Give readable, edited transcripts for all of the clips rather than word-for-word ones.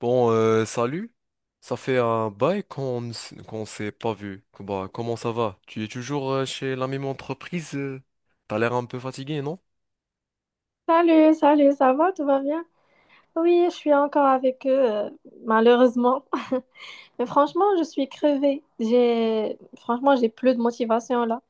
Bon, salut. Ça fait un bail qu'on s'est pas vu. Bah, comment ça va? Tu es toujours chez la même entreprise? T'as l'air un peu fatigué, non? Salut, salut, ça va, tout va bien? Oui, je suis encore avec eux, malheureusement. Mais franchement, je suis crevée. Franchement, j'ai plus de motivation là.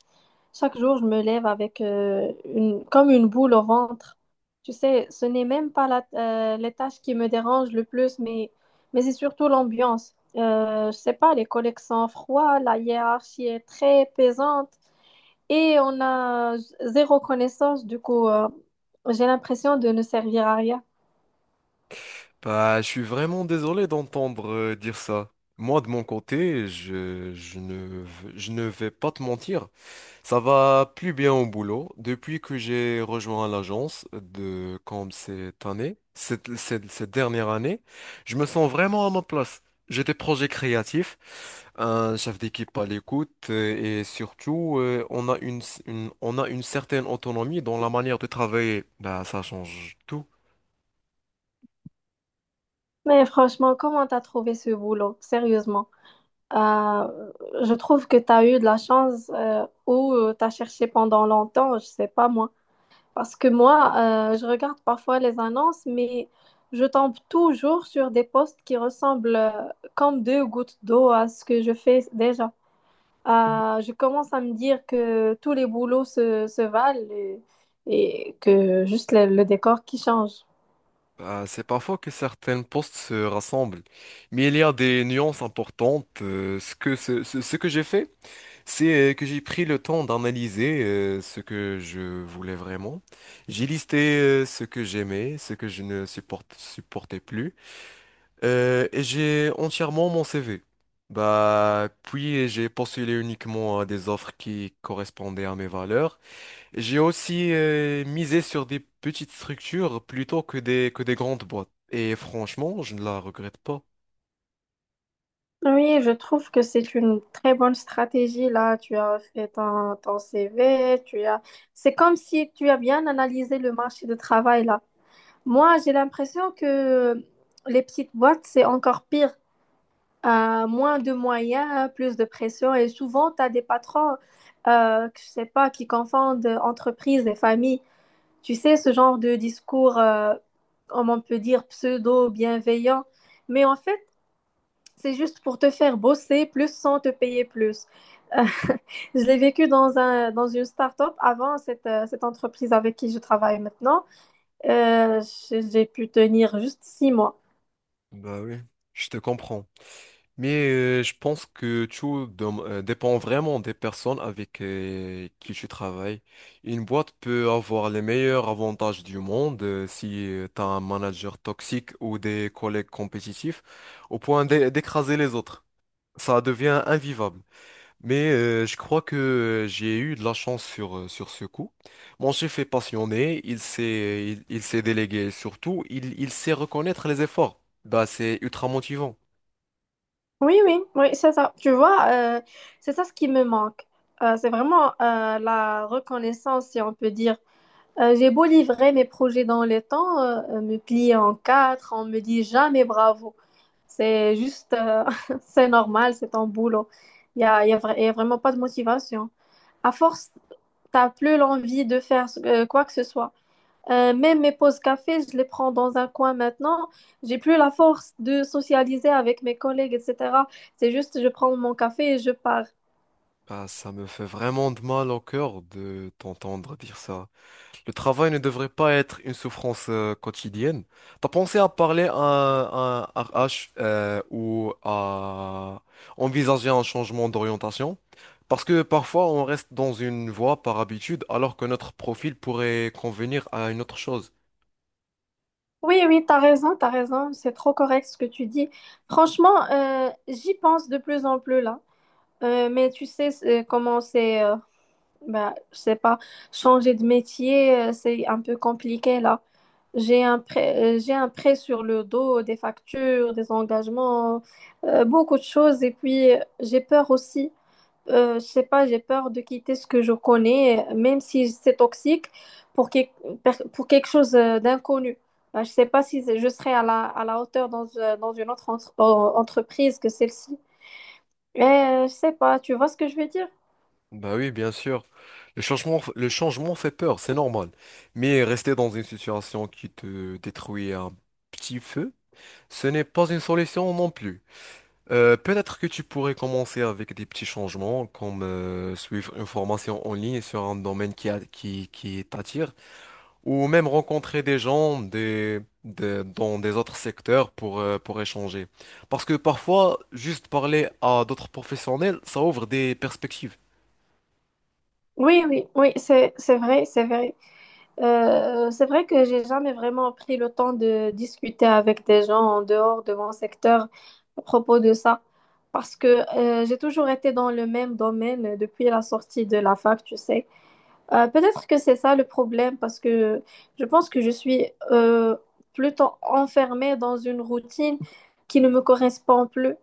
Chaque jour, je me lève avec comme une boule au ventre. Tu sais, ce n'est même pas les tâches qui me dérangent le plus, mais c'est surtout l'ambiance. Je sais pas, les collègues sont froids, la hiérarchie est très pesante et on a zéro connaissance. Du coup, j'ai l'impression de ne servir à rien. Bah, je suis vraiment désolé d'entendre dire ça. Moi, de mon côté, je ne, v- je ne vais pas te mentir. Ça va plus bien au boulot. Depuis que j'ai rejoint l'agence de comme cette année, cette dernière année, je me sens vraiment à ma place. J'ai des projets créatifs, un chef d'équipe à l'écoute et surtout, on a on a une certaine autonomie dans la manière de travailler. Bah, ça change tout. Mais franchement, comment t'as trouvé ce boulot? Sérieusement. Euh, je trouve que t'as eu de la chance ou t'as cherché pendant longtemps, je sais pas moi. Parce que moi, je regarde parfois les annonces, mais je tombe toujours sur des postes qui ressemblent comme deux gouttes d'eau à ce que je fais déjà. Je commence à me dire que tous les boulots se valent et que juste le décor qui change. Bah, c'est parfois que certains postes se rassemblent, mais il y a des nuances importantes. Ce ce que j'ai fait. C'est que j'ai pris le temps d'analyser ce que je voulais vraiment. J'ai listé ce que j'aimais, ce que je ne supporte- supportais plus, et j'ai entièrement mon CV. Bah, puis j'ai postulé uniquement à des offres qui correspondaient à mes valeurs. J'ai aussi misé sur des petites structures plutôt que des grandes boîtes. Et franchement, je ne la regrette pas. Oui, je trouve que c'est une très bonne stratégie là. Tu as fait ton CV, tu as. C'est comme si tu as bien analysé le marché de travail là. Moi, j'ai l'impression que les petites boîtes, c'est encore pire. Moins de moyens, plus de pression. Et souvent, tu as des patrons, que je sais pas, qui confondent entreprise et famille. Tu sais, ce genre de discours, comme on peut dire, pseudo-bienveillant. Mais en fait, c'est juste pour te faire bosser plus sans te payer plus. Euh, je l'ai vécu dans dans une start-up avant cette entreprise avec qui je travaille maintenant. Euh, j'ai pu tenir juste 6 mois. Bah oui, je te comprends. Mais je pense que dépend vraiment des personnes avec qui tu travailles. Une boîte peut avoir les meilleurs avantages du monde si tu as un manager toxique ou des collègues compétitifs au point d'écraser les autres. Ça devient invivable. Mais je crois que j'ai eu de la chance sur ce coup. Mon chef est passionné, il sait déléguer et surtout, il sait reconnaître les efforts. Bah, c'est ultra motivant. Oui, oui, oui, c'est ça. Tu vois, c'est ça ce qui me manque. C'est vraiment la reconnaissance, si on peut dire. J'ai beau livrer mes projets dans les temps, me plier en quatre, on me dit jamais bravo. C'est juste, c'est normal, c'est ton boulot. Il n'y a, y a vra- Y a vraiment pas de motivation. À force, t'as plus l'envie de faire quoi que ce soit. Même mes pauses café, je les prends dans un coin maintenant. J'ai plus la force de socialiser avec mes collègues, etc. C'est juste, je prends mon café et je pars. Bah, ça me fait vraiment de mal au cœur de t'entendre dire ça. Le travail ne devrait pas être une souffrance quotidienne. T'as pensé à parler à un RH ou à envisager un changement d'orientation? Parce que parfois on reste dans une voie par habitude alors que notre profil pourrait convenir à une autre chose. Oui, oui, t'as raison, t'as raison. C'est trop correct ce que tu dis. Franchement, j'y pense de plus en plus là. Mais tu sais comment c'est. Bah, je sais pas, changer de métier, c'est un peu compliqué là. J'ai un prêt sur le dos, des factures, des engagements, beaucoup de choses. Et puis, j'ai peur aussi, je sais pas, j'ai peur de quitter ce que je connais, même si c'est toxique, pour, quel- pour quelque chose d'inconnu. Bah, je sais pas si je serai à la hauteur dans une autre entreprise que celle-ci. Mais je sais pas, tu vois ce que je veux dire? Bah oui, bien sûr. Le changement fait peur, c'est normal. Mais rester dans une situation qui te détruit un petit peu, ce n'est pas une solution non plus. Peut-être que tu pourrais commencer avec des petits changements, comme suivre une formation en ligne sur un domaine qui t'attire, ou même rencontrer des gens dans des autres secteurs pour échanger. Parce que parfois, juste parler à d'autres professionnels, ça ouvre des perspectives. Oui, oui, oui, c'est vrai, c'est vrai. C'est vrai que j'ai jamais vraiment pris le temps de discuter avec des gens en dehors de mon secteur à propos de ça, parce que j'ai toujours été dans le même domaine depuis la sortie de la fac, tu sais. Peut-être que c'est ça le problème, parce que je pense que je suis euh, plutôt enfermée dans une routine qui ne me correspond plus.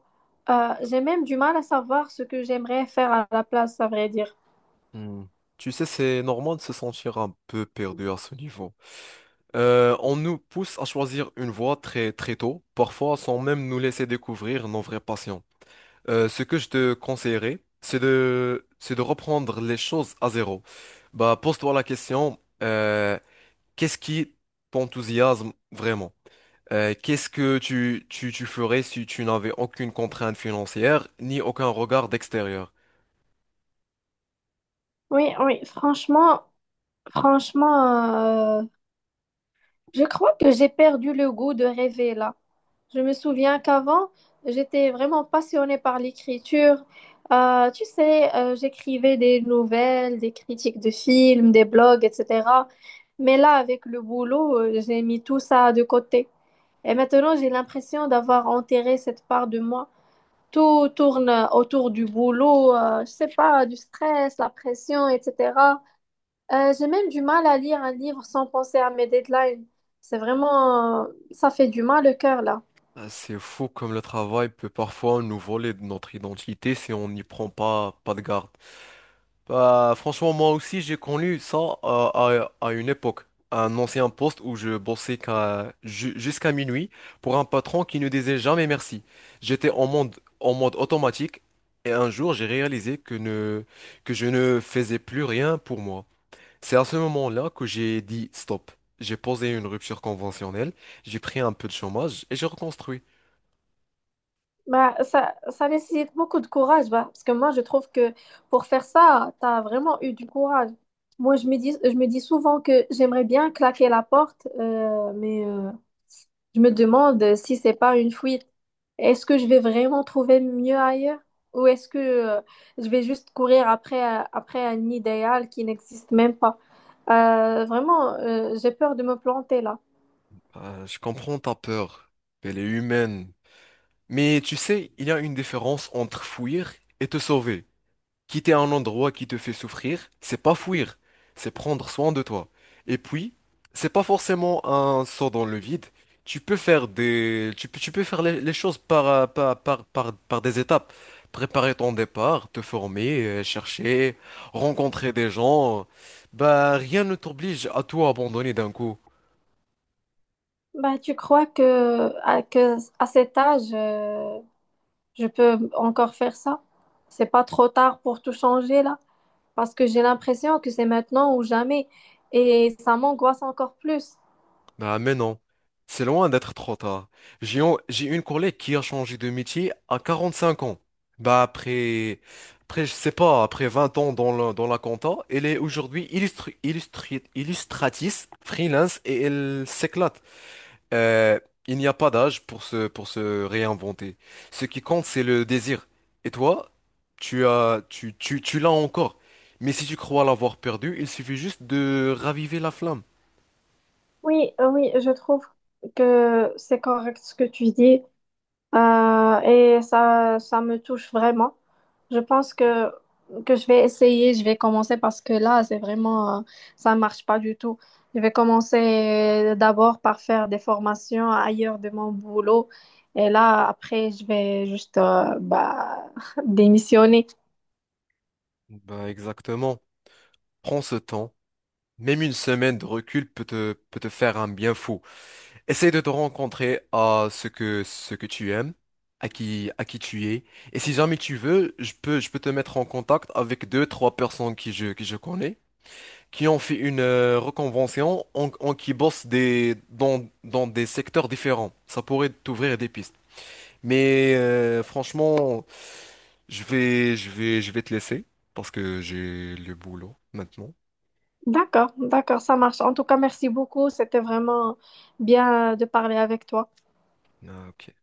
J'ai même du mal à savoir ce que j'aimerais faire à la place, à vrai dire. Hmm. Tu sais, c'est normal de se sentir un peu perdu à ce niveau. On nous pousse à choisir une voie très très tôt, parfois sans même nous laisser découvrir nos vraies passions. Ce que je te conseillerais, c'est de reprendre les choses à zéro. Bah, pose-toi la question, qu'est-ce qui t'enthousiasme vraiment? Qu'est-ce que tu ferais si tu n'avais aucune contrainte financière ni aucun regard d'extérieur? Oui, oui, franchement. Je crois que j'ai perdu le goût de rêver là. Je me souviens qu'avant, j'étais vraiment passionnée par l'écriture. Tu sais, j'écrivais des nouvelles, des critiques de films, des blogs, etc. Mais là, avec le boulot, j'ai mis tout ça de côté. Et maintenant, j'ai l'impression d'avoir enterré cette part de moi. Tout tourne autour du boulot, je sais pas, du stress, la pression, etc. J'ai même du mal à lire un livre sans penser à mes deadlines. C'est vraiment... Ça fait du mal au cœur, là. Ah, c'est fou comme le travail peut parfois nous voler de notre identité si on n'y prend pas de garde. Bah, franchement, moi aussi, j'ai connu ça à une époque. Un ancien poste où je bossais jusqu'à minuit pour un patron qui ne disait jamais merci. J'étais en mode automatique et un jour, j'ai réalisé que je ne faisais plus rien pour moi. C'est à ce moment-là que j'ai dit stop. J'ai posé une rupture conventionnelle, j'ai pris un peu de chômage et j'ai reconstruit. Bah, ça nécessite beaucoup de courage, bah, parce que moi, je trouve que pour faire ça, tu as vraiment eu du courage. Moi, je me dis souvent que j'aimerais bien claquer la porte, mais... Je me demande si c'est pas une fuite. Est-ce que je vais vraiment trouver mieux ailleurs? Ou est-ce que je vais juste courir après, après un idéal qui n'existe même pas? Vraiment, j'ai peur de me planter là. Ah, je comprends ta peur. Elle est humaine. Mais tu sais, il y a une différence entre fuir et te sauver. Quitter un endroit qui te fait souffrir, c'est pas fuir, c'est prendre soin de toi. Et puis, c'est pas forcément un saut dans le vide. Tu peux faire les choses par des étapes. Préparer ton départ, te former, chercher, rencontrer des gens. Bah, rien ne t'oblige à tout abandonner d'un coup. Bah, tu crois que à cet âge, je peux encore faire ça? C'est pas trop tard pour tout changer là? Parce que j'ai l'impression que c'est maintenant ou jamais. Et ça m'angoisse encore plus. Ah, mais non, c'est loin d'être trop tard. J'ai une collègue qui a changé de métier à 45 ans. Bah après, après je sais pas, après 20 ans dans dans la compta, elle est aujourd'hui illustratrice, freelance et elle s'éclate. Euh, il n'y a pas d'âge pour pour se réinventer. Ce qui compte, c'est le désir. Et toi, tu l'as encore. Mais si tu crois l'avoir perdu, il suffit juste de raviver la flamme. Oui, oui, je trouve que c'est correct ce que tu dis et ça me touche vraiment. Je pense que je vais essayer, je vais commencer parce que là, c'est vraiment, ça marche pas du tout. Je vais commencer d'abord par faire des formations ailleurs de mon boulot et là, après, je vais juste bah, démissionner. Bah exactement. Prends ce temps, même une semaine de recul peut peut te faire un bien fou. Essaye de te rencontrer à ce que tu aimes, à à qui tu es. Et si jamais tu veux, je peux te mettre en contact avec deux, trois personnes qui je connais, qui ont fait une reconvention, qui bossent dans des secteurs différents. Ça pourrait t'ouvrir des pistes. Mais franchement, je vais te laisser parce que j'ai le boulot maintenant. D'accord, d'accord, ça marche. En tout cas, merci beaucoup. C'était vraiment bien de parler avec toi. Ah, ok.